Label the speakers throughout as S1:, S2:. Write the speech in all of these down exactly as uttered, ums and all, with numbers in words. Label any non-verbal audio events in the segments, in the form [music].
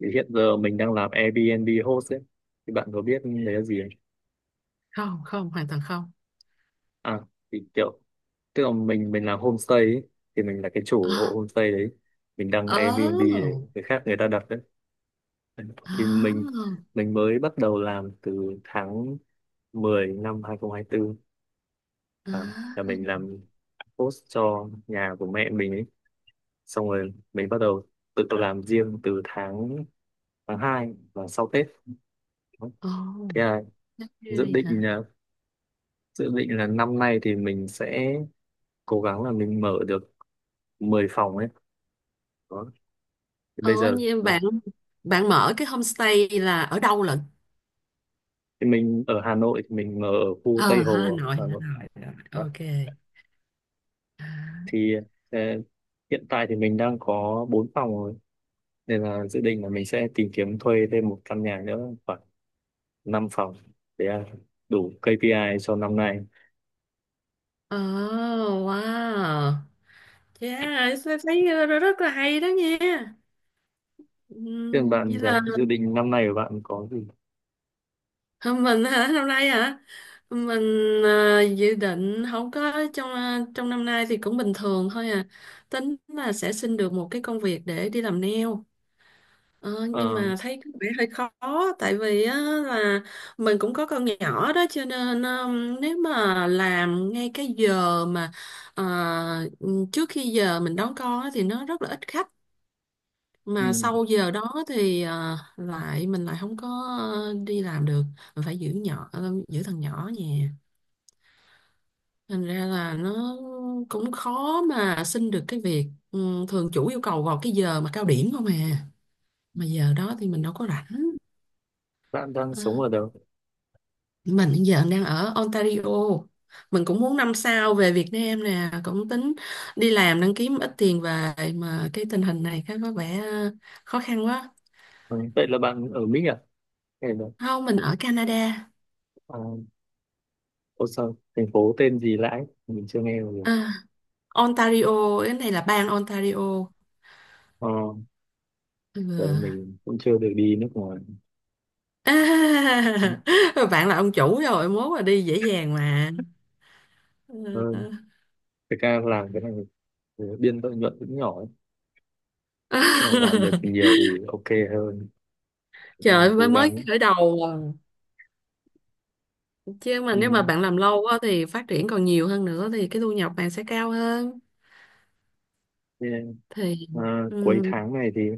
S1: Thì hiện giờ mình đang làm Airbnb host ấy, thì bạn có biết đấy là gì không?
S2: Không, không, hoàn toàn không.
S1: À, thì kiểu, tức là mình mình làm homestay ấy, thì mình là cái chủ hộ
S2: À,
S1: homestay đấy, mình đăng Airbnb để
S2: oh,
S1: người khác, người ta đặt đấy. Thì
S2: à,
S1: mình mình mới bắt đầu làm từ tháng mười năm hai không hai tư.
S2: à,
S1: À, là mình làm host cho nhà của mẹ mình ấy. Xong rồi mình bắt đầu tự làm riêng từ tháng tháng hai và sau Tết.
S2: ồ
S1: Thế là
S2: đất
S1: dự
S2: ơi
S1: định
S2: hả.
S1: là dự định là năm nay thì mình sẽ cố gắng là mình mở được mười phòng ấy. Đó thì bây
S2: Ồ,
S1: giờ,
S2: như em
S1: ừ.
S2: bạn. Bạn mở cái homestay là ở đâu lận?
S1: Thì mình ở Hà Nội, thì mình mở ở khu
S2: À,
S1: Tây
S2: Hà
S1: Hồ
S2: Nội,
S1: Hà
S2: Hà
S1: Nội
S2: Nội, Hà Nội.
S1: đó.
S2: Ok.
S1: Thì ờ, hiện tại thì mình đang có bốn phòng rồi, nên là dự định là mình sẽ tìm kiếm thuê thêm một căn nhà nữa khoảng năm phòng để ờ, đủ ca pê i cho năm nay.
S2: Oh wow, yeah, thấy thấy rất là hay đó nha.
S1: Thế còn
S2: Ừm,
S1: bạn
S2: vậy
S1: thì
S2: là
S1: sao? Dự định năm nay của bạn có gì?
S2: Hôm mình hả, năm nay hả? Mình, à, dự định không có trong à, trong năm nay thì cũng bình thường thôi à. Tính là sẽ xin được một cái công việc để đi làm nail. ờ, nhưng
S1: Ờ,
S2: mà thấy có vẻ hơi khó, tại vì á, là mình cũng có con nhỏ đó, cho nên um, nếu mà làm ngay cái giờ mà, à, trước khi giờ mình đón con á, thì nó rất là ít khách. Mà
S1: ừ.
S2: sau giờ đó thì, à, lại mình lại không có ờ, đi làm được. Mình phải giữ nhỏ, ờ, giữ thằng nhỏ nhà. Thành ra là nó cũng khó mà xin được cái việc. Ừ, thường chủ yêu cầu vào cái giờ mà cao điểm không à, mà giờ đó thì mình đâu có rảnh.
S1: Bạn đang
S2: Ờ,
S1: sống ở đâu?
S2: mình hiện giờ đang ở Ontario. Mình cũng muốn năm sau về Việt Nam nè, cũng tính đi làm đang kiếm ít tiền về, mà cái tình hình này cái có vẻ ờ, khó khăn quá.
S1: Ừ, vậy là bạn ở Mỹ à, hay là
S2: Không, mình ở Canada.
S1: ờ, Ô, sao thành phố tên gì Lãi mình chưa nghe rồi,
S2: À, Ontario, cái này là bang Ontario.
S1: ờ,
S2: Ừ.
S1: vậy mình cũng chưa được đi nước ngoài
S2: À, [laughs] bạn là ông chủ rồi, mốt là đi dễ dàng mà. Ừ.
S1: hơn. Thực ra làm cái này thì biên lợi nhuận cũng nhỏ ấy. Là làm được
S2: [laughs]
S1: nhiều thì ok hơn,
S2: Trời
S1: đang
S2: ơi, mới
S1: cố
S2: mới
S1: gắng,
S2: khởi đầu. À, chứ mà nếu
S1: ừ.
S2: mà bạn làm lâu quá thì phát triển còn nhiều hơn nữa, thì cái thu nhập bạn sẽ cao hơn.
S1: Thế,
S2: Thì
S1: à, cuối
S2: ừ.
S1: tháng này thì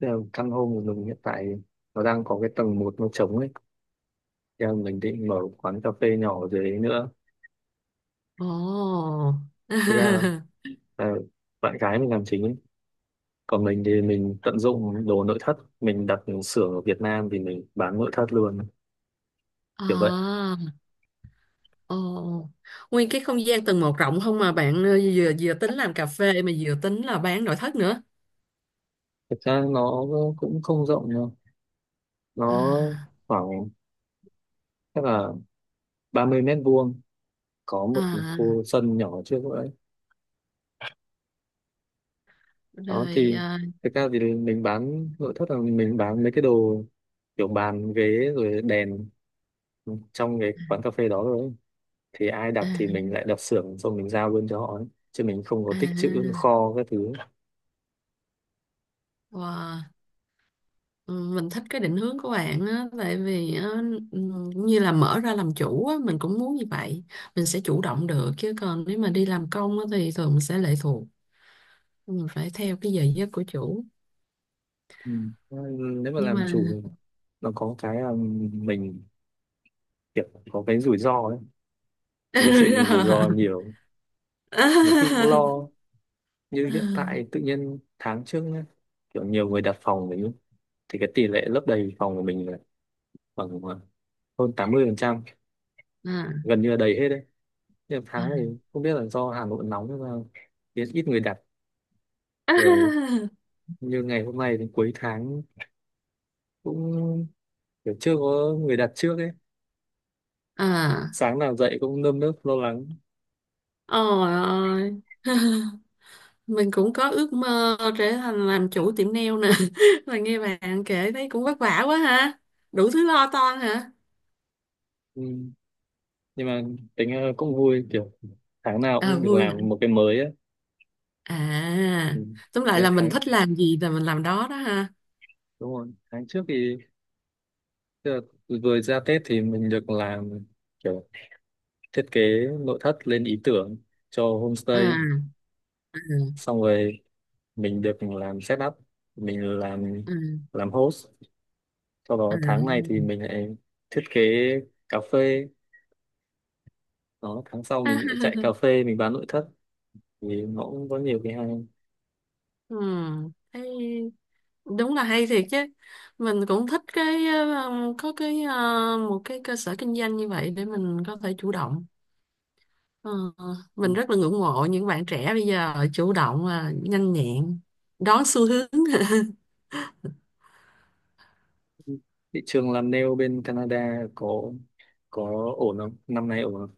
S1: tức là căn hộ của mình hiện tại nó đang có cái tầng một nó trống ấy. Thế là mình định mở quán cà phê nhỏ ở dưới đấy nữa.
S2: Ồ.
S1: Thực ra
S2: [laughs]
S1: là bạn gái mình làm chính ấy, còn mình thì mình tận dụng đồ nội thất, mình đặt xưởng ở Việt Nam thì mình bán nội thất luôn, kiểu vậy.
S2: À. Ồ, nguyên cái không gian tầng một rộng không mà bạn, ờ, vừa vừa tính làm cà phê mà vừa tính là bán nội thất nữa?
S1: Thực ra nó cũng không rộng đâu, nó
S2: À.
S1: khoảng chắc là ba mươi mét vuông, có một
S2: À.
S1: khu sân nhỏ trước đấy. Đó
S2: Rồi
S1: thì
S2: à.
S1: thực ra thì mình bán nội thất là mình bán mấy cái đồ kiểu bàn ghế rồi đèn trong cái quán cà phê đó rồi ấy. Thì ai
S2: À.
S1: đặt thì mình lại đặt xưởng, xong mình giao luôn cho họ ấy. Chứ mình không có tích trữ
S2: À.
S1: kho các thứ.
S2: Wow. Ừ, mình thích cái định hướng của bạn á, tại vì á, ừ, như là mở ra làm chủ á mình cũng muốn như vậy. Mình sẽ chủ động được, chứ còn nếu mà đi làm công á thì thường mình sẽ lệ thuộc, mình phải theo cái giờ giấc của chủ.
S1: Ừ. Nếu mà
S2: Nhưng
S1: làm
S2: mà
S1: chủ nó có cái là, mình kiểu có cái rủi ro ấy,
S2: [laughs]
S1: mình chịu rủi ro
S2: đúng
S1: nhiều, một khi cũng lo. Như hiện tại tự nhiên tháng trước nhá, kiểu nhiều người đặt phòng mình ấy, thì cái tỷ lệ lấp đầy phòng của mình là khoảng, ờ, hơn tám mươi phần trăm,
S2: rồi.
S1: gần như là đầy hết đấy. Nhưng
S2: À, [laughs] à, à.
S1: tháng này không biết là do Hà Nội nóng hay sao, biết ít người đặt rồi. Như ngày hôm nay đến cuối tháng cũng kiểu chưa có người đặt trước ấy.
S2: À,
S1: Sáng nào dậy cũng nơm nớp lo lắng.
S2: ôi ơi. [laughs] Mình cũng có ước mơ trở thành làm chủ tiệm nail nè. [laughs] Mà nghe bạn kể thấy cũng vất vả quá ha, đủ thứ lo toan hả?
S1: Ừ. Nhưng mà tính ra cũng vui, kiểu tháng nào
S2: À,
S1: cũng được
S2: vui hả?
S1: làm một cái mới á.
S2: À,
S1: Ừ.
S2: tóm
S1: Thì
S2: lại là mình
S1: tháng
S2: thích làm gì là mình làm đó đó ha.
S1: đúng rồi, tháng trước thì tức là vừa ra Tết thì mình được làm kiểu thiết kế nội thất, lên ý tưởng cho
S2: À.
S1: homestay.
S2: À.
S1: Xong rồi mình được làm setup, mình làm
S2: À.
S1: làm host. Sau
S2: À.
S1: đó tháng này thì mình lại thiết kế cà phê. Đó, tháng sau mình lại chạy cà
S2: [laughs]
S1: phê, mình bán nội thất, thì nó cũng có nhiều cái hay.
S2: Ừ, thấy đúng là hay thiệt chứ. Mình cũng thích cái, ờ, có cái, ờ, một cái cơ sở kinh doanh như vậy để mình có thể chủ động. Ờ,
S1: Ừ.
S2: mình rất là ngưỡng mộ những bạn trẻ bây giờ chủ động và nhanh nhẹn đón xu hướng. [laughs]
S1: Thị trường làm nail bên Canada có có ổn không, năm nay ổn không?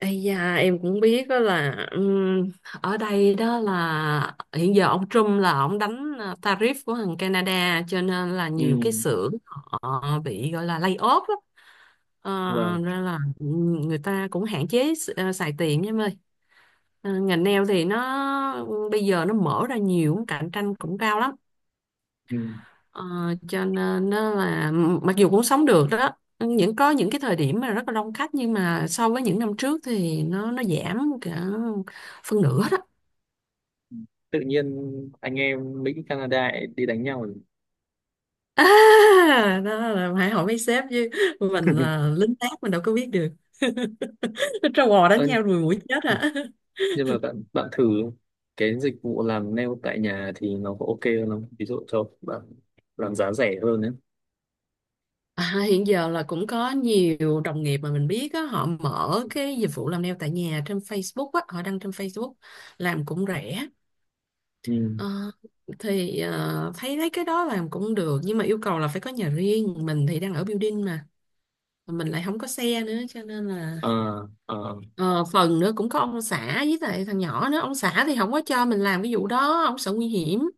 S2: Ây da, em cũng biết đó là ừm, ở đây đó là hiện giờ ông Trump là ông đánh, à, tariff của thằng Canada, cho nên là
S1: Ừ,
S2: nhiều cái xưởng họ bị gọi là lay off đó. Ờ,
S1: vâng,
S2: nên là ừm, người ta cũng hạn chế s- ờ, xài tiền nha em ơi. Ờ, ngành nail thì nó bây giờ nó mở ra nhiều, cạnh tranh cũng cao lắm.
S1: ừ.
S2: Ờ, cho nên nó là mặc dù cũng sống được đó, những có những cái thời điểm mà rất là đông khách, nhưng mà so với những năm trước thì nó nó giảm cả phân nửa đó.
S1: Tự nhiên anh em Mỹ Canada lại đi đánh nhau rồi.
S2: [laughs] À, đó là phải hỏi mấy sếp chứ, mình là
S1: [laughs]
S2: lính tác mình đâu có biết được. [laughs] Trâu bò đánh
S1: Ơ,
S2: nhau rồi mũi chết à. [laughs]
S1: nhưng mà bạn bạn thử cái dịch vụ làm nail tại nhà thì nó có ok hơn không? Ví dụ cho bạn làm giá rẻ hơn đấy.
S2: À, hiện giờ là cũng có nhiều đồng nghiệp mà mình biết á, họ mở cái dịch vụ làm nail tại nhà trên Facebook á, họ đăng trên Facebook làm cũng rẻ.
S1: Ừ.
S2: Ờ, thì ờ, thấy thấy cái đó làm cũng được, nhưng mà yêu cầu là phải có nhà riêng, mình thì đang ở building mà mình lại không có xe nữa, cho nên là,
S1: À, à,
S2: ờ, phần nữa cũng có ông xã với lại thằng nhỏ nữa, ông xã thì không có cho mình làm cái vụ đó, ông sợ nguy hiểm.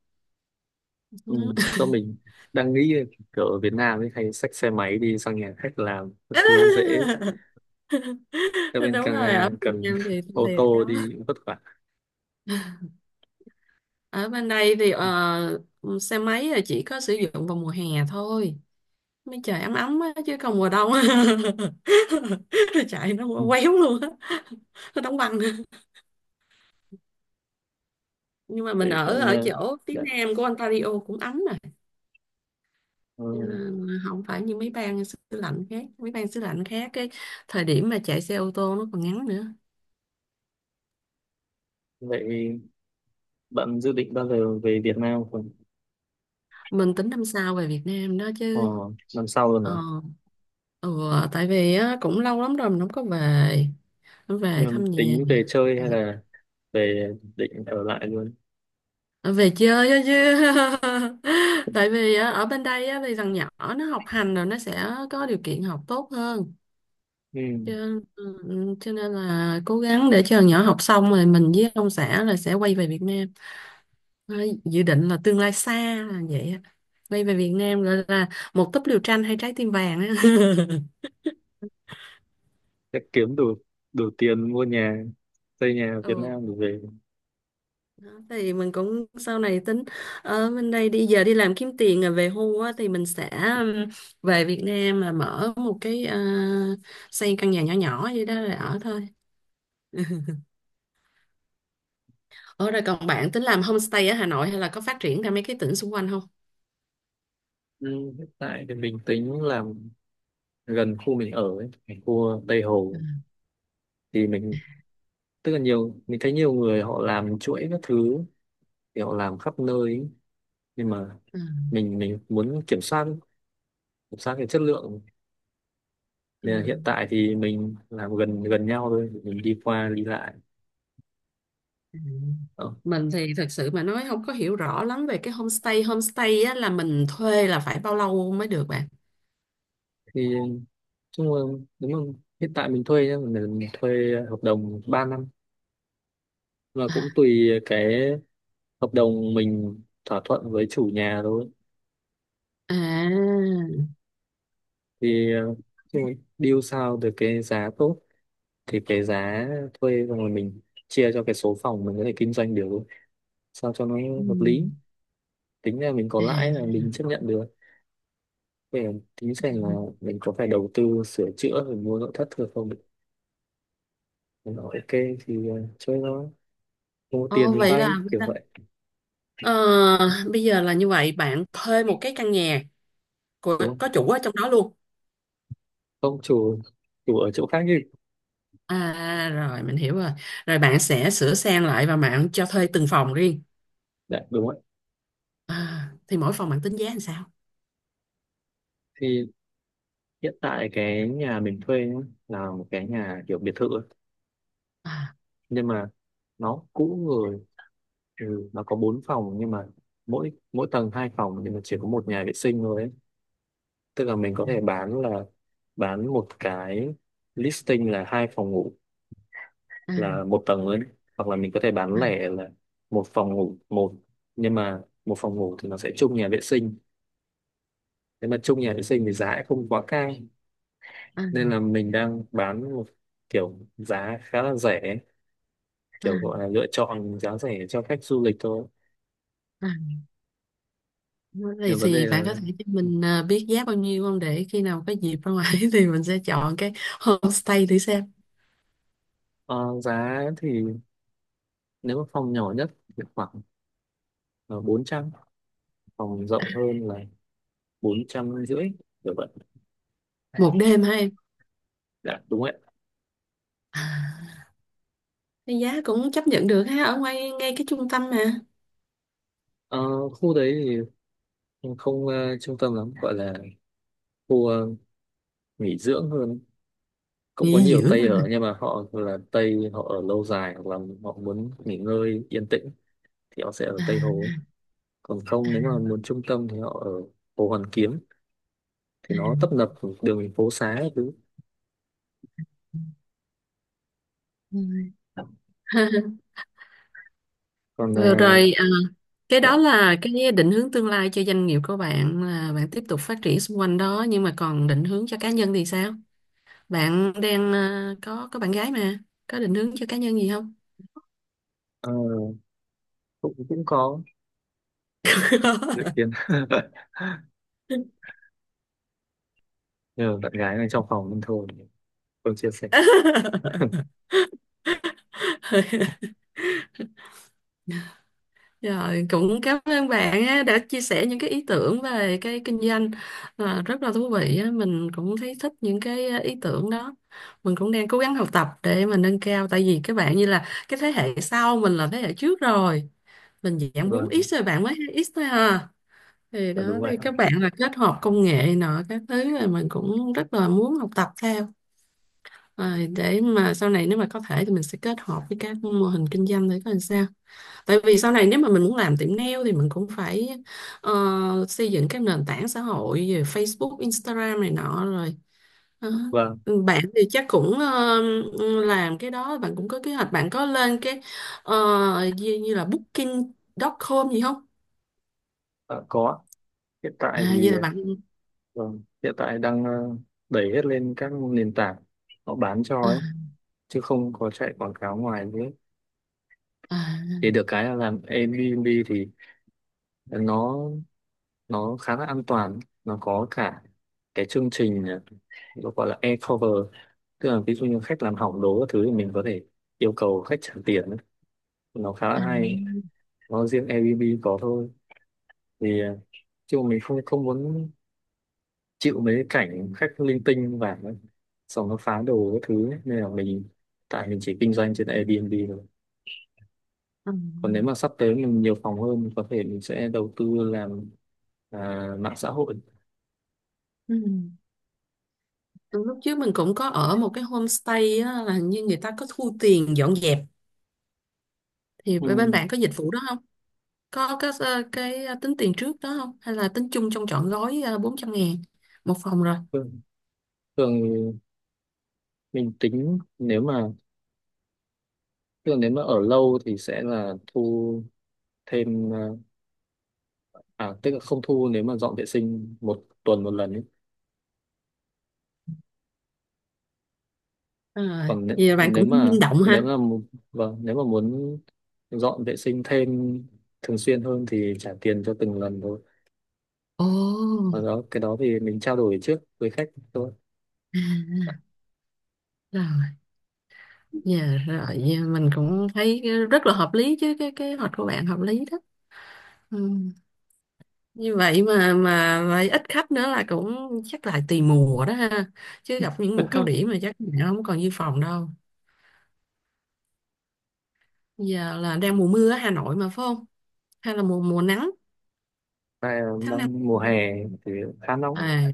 S1: ừ. Tôi mình đang nghĩ kiểu ở Việt Nam ấy hay xách xe máy đi sang nhà khách làm thứ dễ,
S2: [laughs]
S1: ở bên
S2: Đúng rồi, ở
S1: Canada
S2: Việt
S1: cần
S2: Nam thì
S1: [laughs] ô
S2: thiệt đó.
S1: tô đi vất vả.
S2: [laughs] Ở bên đây thì, ờ, xe máy là chỉ có sử dụng vào mùa hè thôi, mấy trời ấm ấm á, chứ còn mùa đông [laughs] chạy nó
S1: Ừ.
S2: quéo luôn á, nó đóng băng. Nhưng mà mình
S1: Thế
S2: ở
S1: bạn,
S2: ở
S1: ờ,
S2: chỗ phía
S1: đã,
S2: nam của Ontario cũng ấm mà.
S1: ờ,
S2: Cho nên không phải như mấy bang xứ lạnh khác, mấy bang xứ lạnh khác cái thời điểm mà chạy xe ô tô nó còn ngắn nữa.
S1: vậy bạn dự định bao giờ về Việt Nam khoảng
S2: Mình tính năm sau về Việt Nam đó
S1: ờ,
S2: chứ.
S1: năm sau luôn hả?
S2: Ờ. Ừ, tại vì á, cũng lâu lắm rồi mình không có về, không về
S1: Nhưng
S2: thăm nhà.
S1: tính về chơi hay là về định ở lại luôn?
S2: Ừ, về chơi á chứ. [laughs] Tại vì á, ở bên đây á, thì thằng nhỏ nó học hành rồi nó sẽ có điều kiện học tốt hơn.
S1: Ừ.
S2: Cho, ừ, cho nên là cố gắng để cho thằng nhỏ học xong rồi mình với ông xã là sẽ quay về Việt Nam. Đấy, dự định là tương lai xa là vậy á, quay về Việt Nam gọi là một túp lều tranh hay trái tim vàng á. [laughs]
S1: Chắc kiếm đủ đủ tiền mua nhà, xây nhà ở Việt
S2: Ừ.
S1: Nam để về.
S2: Đó, thì mình cũng sau này tính ở bên đây đi giờ đi làm kiếm tiền rồi về hưu á, thì mình sẽ um, về Việt Nam là mở một cái, ờ, xây căn nhà nhỏ nhỏ vậy đó rồi ở thôi. Ở rồi, còn bạn tính làm homestay ở Hà Nội hay là có phát triển ra mấy cái tỉnh xung quanh không?
S1: Ừ. Hiện tại thì mình tính làm gần khu mình ở ấy, cái khu Tây
S2: Ừ,
S1: Hồ, thì mình tức là nhiều mình thấy nhiều người họ làm chuỗi các thứ, thì họ làm khắp nơi ấy. Nhưng mà
S2: ừ,
S1: mình mình muốn kiểm soát, kiểm soát cái chất lượng.
S2: ừ,
S1: Nên là hiện tại thì mình làm gần gần nhau thôi, mình đi qua đi lại.
S2: ừ.
S1: Đó.
S2: Mình thì thật sự mà nói không có hiểu rõ lắm về cái homestay. Homestay á, là mình thuê là phải bao lâu mới được bạn?
S1: Thì chung là đúng không? Hiện tại mình thuê nhá, mình thuê hợp đồng ba năm và cũng tùy cái hợp đồng mình thỏa thuận với chủ nhà thôi.
S2: À.
S1: Thì ờ, chung là deal sao được cái giá tốt, thì cái giá thuê xong rồi mình chia cho cái số phòng mình có thể kinh doanh được sao cho nó
S2: Ừ.
S1: hợp lý. Tính là mình có
S2: À.
S1: lãi là mình chấp nhận được. Để tính xem là
S2: Ừ.
S1: mình có phải đầu tư sửa chữa rồi mua nội thất thừa không. Mình bảo ok thì ờ, chơi thôi, mua tiền
S2: Ồ,
S1: thì
S2: vậy
S1: vay
S2: là,
S1: kiểu vậy.
S2: ờ, bây giờ là như vậy bạn thuê một cái căn nhà của,
S1: Đúng không,
S2: có chủ ở trong đó luôn?
S1: không chủ chủ ở chỗ khác đi.
S2: À, rồi mình hiểu rồi, rồi bạn sẽ sửa sang lại và bạn cho thuê từng phòng riêng.
S1: Dạ, đúng rồi.
S2: À, thì mỗi phòng bạn tính giá làm sao?
S1: Thì hiện tại cái nhà mình thuê nhá, là một cái nhà kiểu biệt thự ấy.
S2: À.
S1: Nhưng mà nó cũ rồi. Ừ, nó có bốn phòng nhưng mà mỗi mỗi tầng hai phòng, nhưng mà chỉ có một nhà vệ sinh thôi ấy. Tức là mình có thể bán là bán một cái listing là hai phòng ngủ,
S2: À.
S1: là một tầng thôi đấy. Hoặc là mình có thể bán lẻ là một phòng ngủ một, nhưng mà một phòng ngủ thì nó sẽ chung nhà vệ sinh. Nếu mà chung nhà vệ sinh thì giá cũng không quá cao,
S2: À.
S1: nên là mình đang bán một kiểu giá khá là rẻ,
S2: À.
S1: kiểu gọi là lựa chọn giá rẻ cho khách du lịch thôi.
S2: À. Thì,
S1: Nhưng vấn đề
S2: thì bạn
S1: là
S2: có thể cho mình, à, biết giá bao nhiêu không, để khi nào có dịp ra ngoài [laughs] thì mình sẽ chọn cái homestay thử xem.
S1: ờ, giá thì nếu mà phòng nhỏ nhất thì khoảng uh, bốn trăm, phòng rộng hơn là bốn trăm rưỡi, kiểu vậy.
S2: Một đêm hả em?
S1: Dạ đúng ạ.
S2: À, cái giá cũng chấp nhận được ha, ở ngoài ngay cái trung tâm mà.
S1: Ờ, khu đấy thì không ờ, trung tâm lắm, gọi là khu ờ, nghỉ dưỡng hơn, cũng có
S2: Nghỉ
S1: nhiều
S2: dưỡng
S1: Tây
S2: mà.
S1: ở nhưng mà họ là Tây họ ở lâu dài hoặc là họ muốn nghỉ ngơi yên tĩnh thì họ sẽ ở
S2: À.
S1: Tây Hồ. Còn
S2: À.
S1: không nếu mà muốn trung tâm thì họ ở Hồ Hoàn Kiếm, thì nó tấp
S2: À.
S1: nập đường phố xá các thứ.
S2: Ừ. [laughs]
S1: Còn
S2: Vừa
S1: à,
S2: rồi, à, cái
S1: dạ,
S2: đó là cái định hướng tương lai cho doanh nghiệp của bạn là bạn tiếp tục phát triển xung quanh đó, nhưng mà còn định hướng cho cá nhân thì sao? Bạn đang, à, có có bạn gái mà, có định hướng cho cá nhân gì không?
S1: ờ, cũng cũng có dự kiến. [laughs] Nhờ bạn gái này trong phòng nên thôi không chia sẻ.
S2: [laughs] [laughs] Rồi, cũng cảm ơn bạn á, đã chia sẻ những cái ý tưởng về cái kinh doanh, à, rất là thú vị á. Mình cũng thấy thích những cái, à, ý tưởng đó. Mình cũng đang cố gắng học tập để mà nâng cao, tại vì các bạn như là cái thế hệ sau, mình là thế hệ trước rồi. Mình dạng bốn
S1: Vâng,
S2: x rồi, bạn mới hai x thôi à. Thì
S1: là
S2: đó,
S1: đúng vậy.
S2: thì các bạn là kết hợp công nghệ nọ các thứ, là mình cũng rất là muốn học tập theo. Rồi, để mà sau này nếu mà có thể thì mình sẽ kết hợp với các mô hình kinh doanh để coi làm sao. Tại vì sau này nếu mà mình muốn làm tiệm nail thì mình cũng phải, ờ, xây dựng các nền tảng xã hội về Facebook, Instagram này nọ rồi. Đó.
S1: Vâng.
S2: Bạn thì chắc cũng, ờ, làm cái đó, bạn cũng có kế hoạch, bạn có lên cái, ờ, như, như là booking chấm com gì không?
S1: À, có. Hiện
S2: À,
S1: tại thì
S2: vậy là bạn,
S1: vâng, hiện tại đang ờ, đẩy hết lên các nền tảng họ bán cho
S2: à,
S1: ấy, chứ không có chạy quảng cáo ngoài nữa.
S2: à,
S1: Thì được cái là làm Airbnb thì nó nó khá là an toàn, nó có cả cái chương trình, ờ, nó gọi là air cover. Tức là ví dụ như khách làm hỏng đồ các thứ thì mình có thể yêu cầu khách trả tiền ấy. Nó khá
S2: à,
S1: là hay, nó riêng Airbnb có thôi. Thì ờ, chứ mà mình không không muốn chịu mấy cái cảnh khách linh tinh và xong nó phá đồ các thứ ấy. Nên là mình, tại mình chỉ kinh doanh trên Airbnb thôi.
S2: à,
S1: Còn nếu mà sắp tới mình nhiều phòng hơn mình có thể mình sẽ đầu tư làm, à, mạng xã hội.
S2: ừ. Lúc trước mình cũng có ở một cái homestay á, là hình như người ta có thu tiền dọn dẹp, thì
S1: Ừ.
S2: bên bạn có dịch vụ đó, có các, ờ, cái, ờ, tính tiền trước đó không hay là tính chung trong trọn gói, ờ, bốn trăm ngàn một phòng rồi?
S1: thường, thường mình tính nếu mà thường nếu mà ở lâu thì sẽ là thu thêm, à, à, tức là không thu nếu mà dọn vệ sinh một tuần một lần ấy.
S2: Rồi,
S1: Còn nếu,
S2: vậy là bạn
S1: nếu
S2: cũng tính
S1: mà
S2: linh động
S1: nếu
S2: ha.
S1: mà mu- vâng nếu mà muốn dọn vệ sinh thêm thường xuyên hơn thì trả tiền cho từng lần thôi.
S2: Ồ.
S1: Và đó, cái đó thì mình trao đổi trước với khách thôi.
S2: À, rồi, dạ, rồi, dạ, mình cũng thấy rất là hợp lý chứ, cái kế hoạch của bạn hợp lý đó. Ừ. Như vậy mà mà vậy ít khách nữa là cũng, chắc là tùy mùa đó ha, chứ gặp những mùa cao điểm mà chắc bạn không còn như phòng đâu. Giờ là đang mùa mùa ở Hà Nội mà phải không, hay là mùa mùa nắng,
S1: Tại
S2: tháng năm?
S1: đang mùa hè thì khá nóng,
S2: À,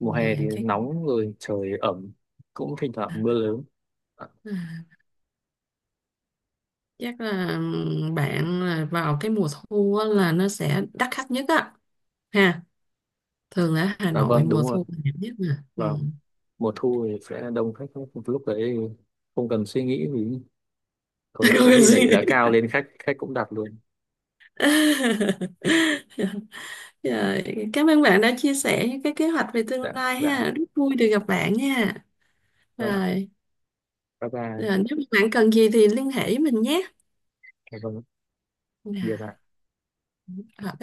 S1: mùa
S2: mùa
S1: hè thì
S2: hè chắc.
S1: nóng rồi trời ẩm, cũng thỉnh thoảng mưa lớn. À,
S2: À, chắc là bạn là vào cái mùa thu á, là nó sẽ đắt khách nhất á ha. Thường ở Hà
S1: dạ
S2: Nội
S1: vâng
S2: mùa
S1: đúng rồi.
S2: thu là đẹp nhất mà. Ừ.
S1: Và mùa thu thì sẽ đông khách hơn. Lúc đấy không cần suy nghĩ gì, có,
S2: [laughs] Không
S1: có
S2: cần
S1: khi đẩy
S2: suy
S1: giá
S2: [laughs]
S1: cao lên, khách khách cũng đặt luôn.
S2: rồi, cảm ơn bạn đã chia sẻ những cái kế hoạch về tương
S1: Dạ
S2: lai
S1: dạ,
S2: ha, rất vui được gặp bạn nha.
S1: vâng.
S2: Rồi.
S1: Bye bye.
S2: Rồi, nếu bạn cần gì thì liên hệ với mình nhé.
S1: Dạ vâng. Biệt ạ.
S2: Rồi.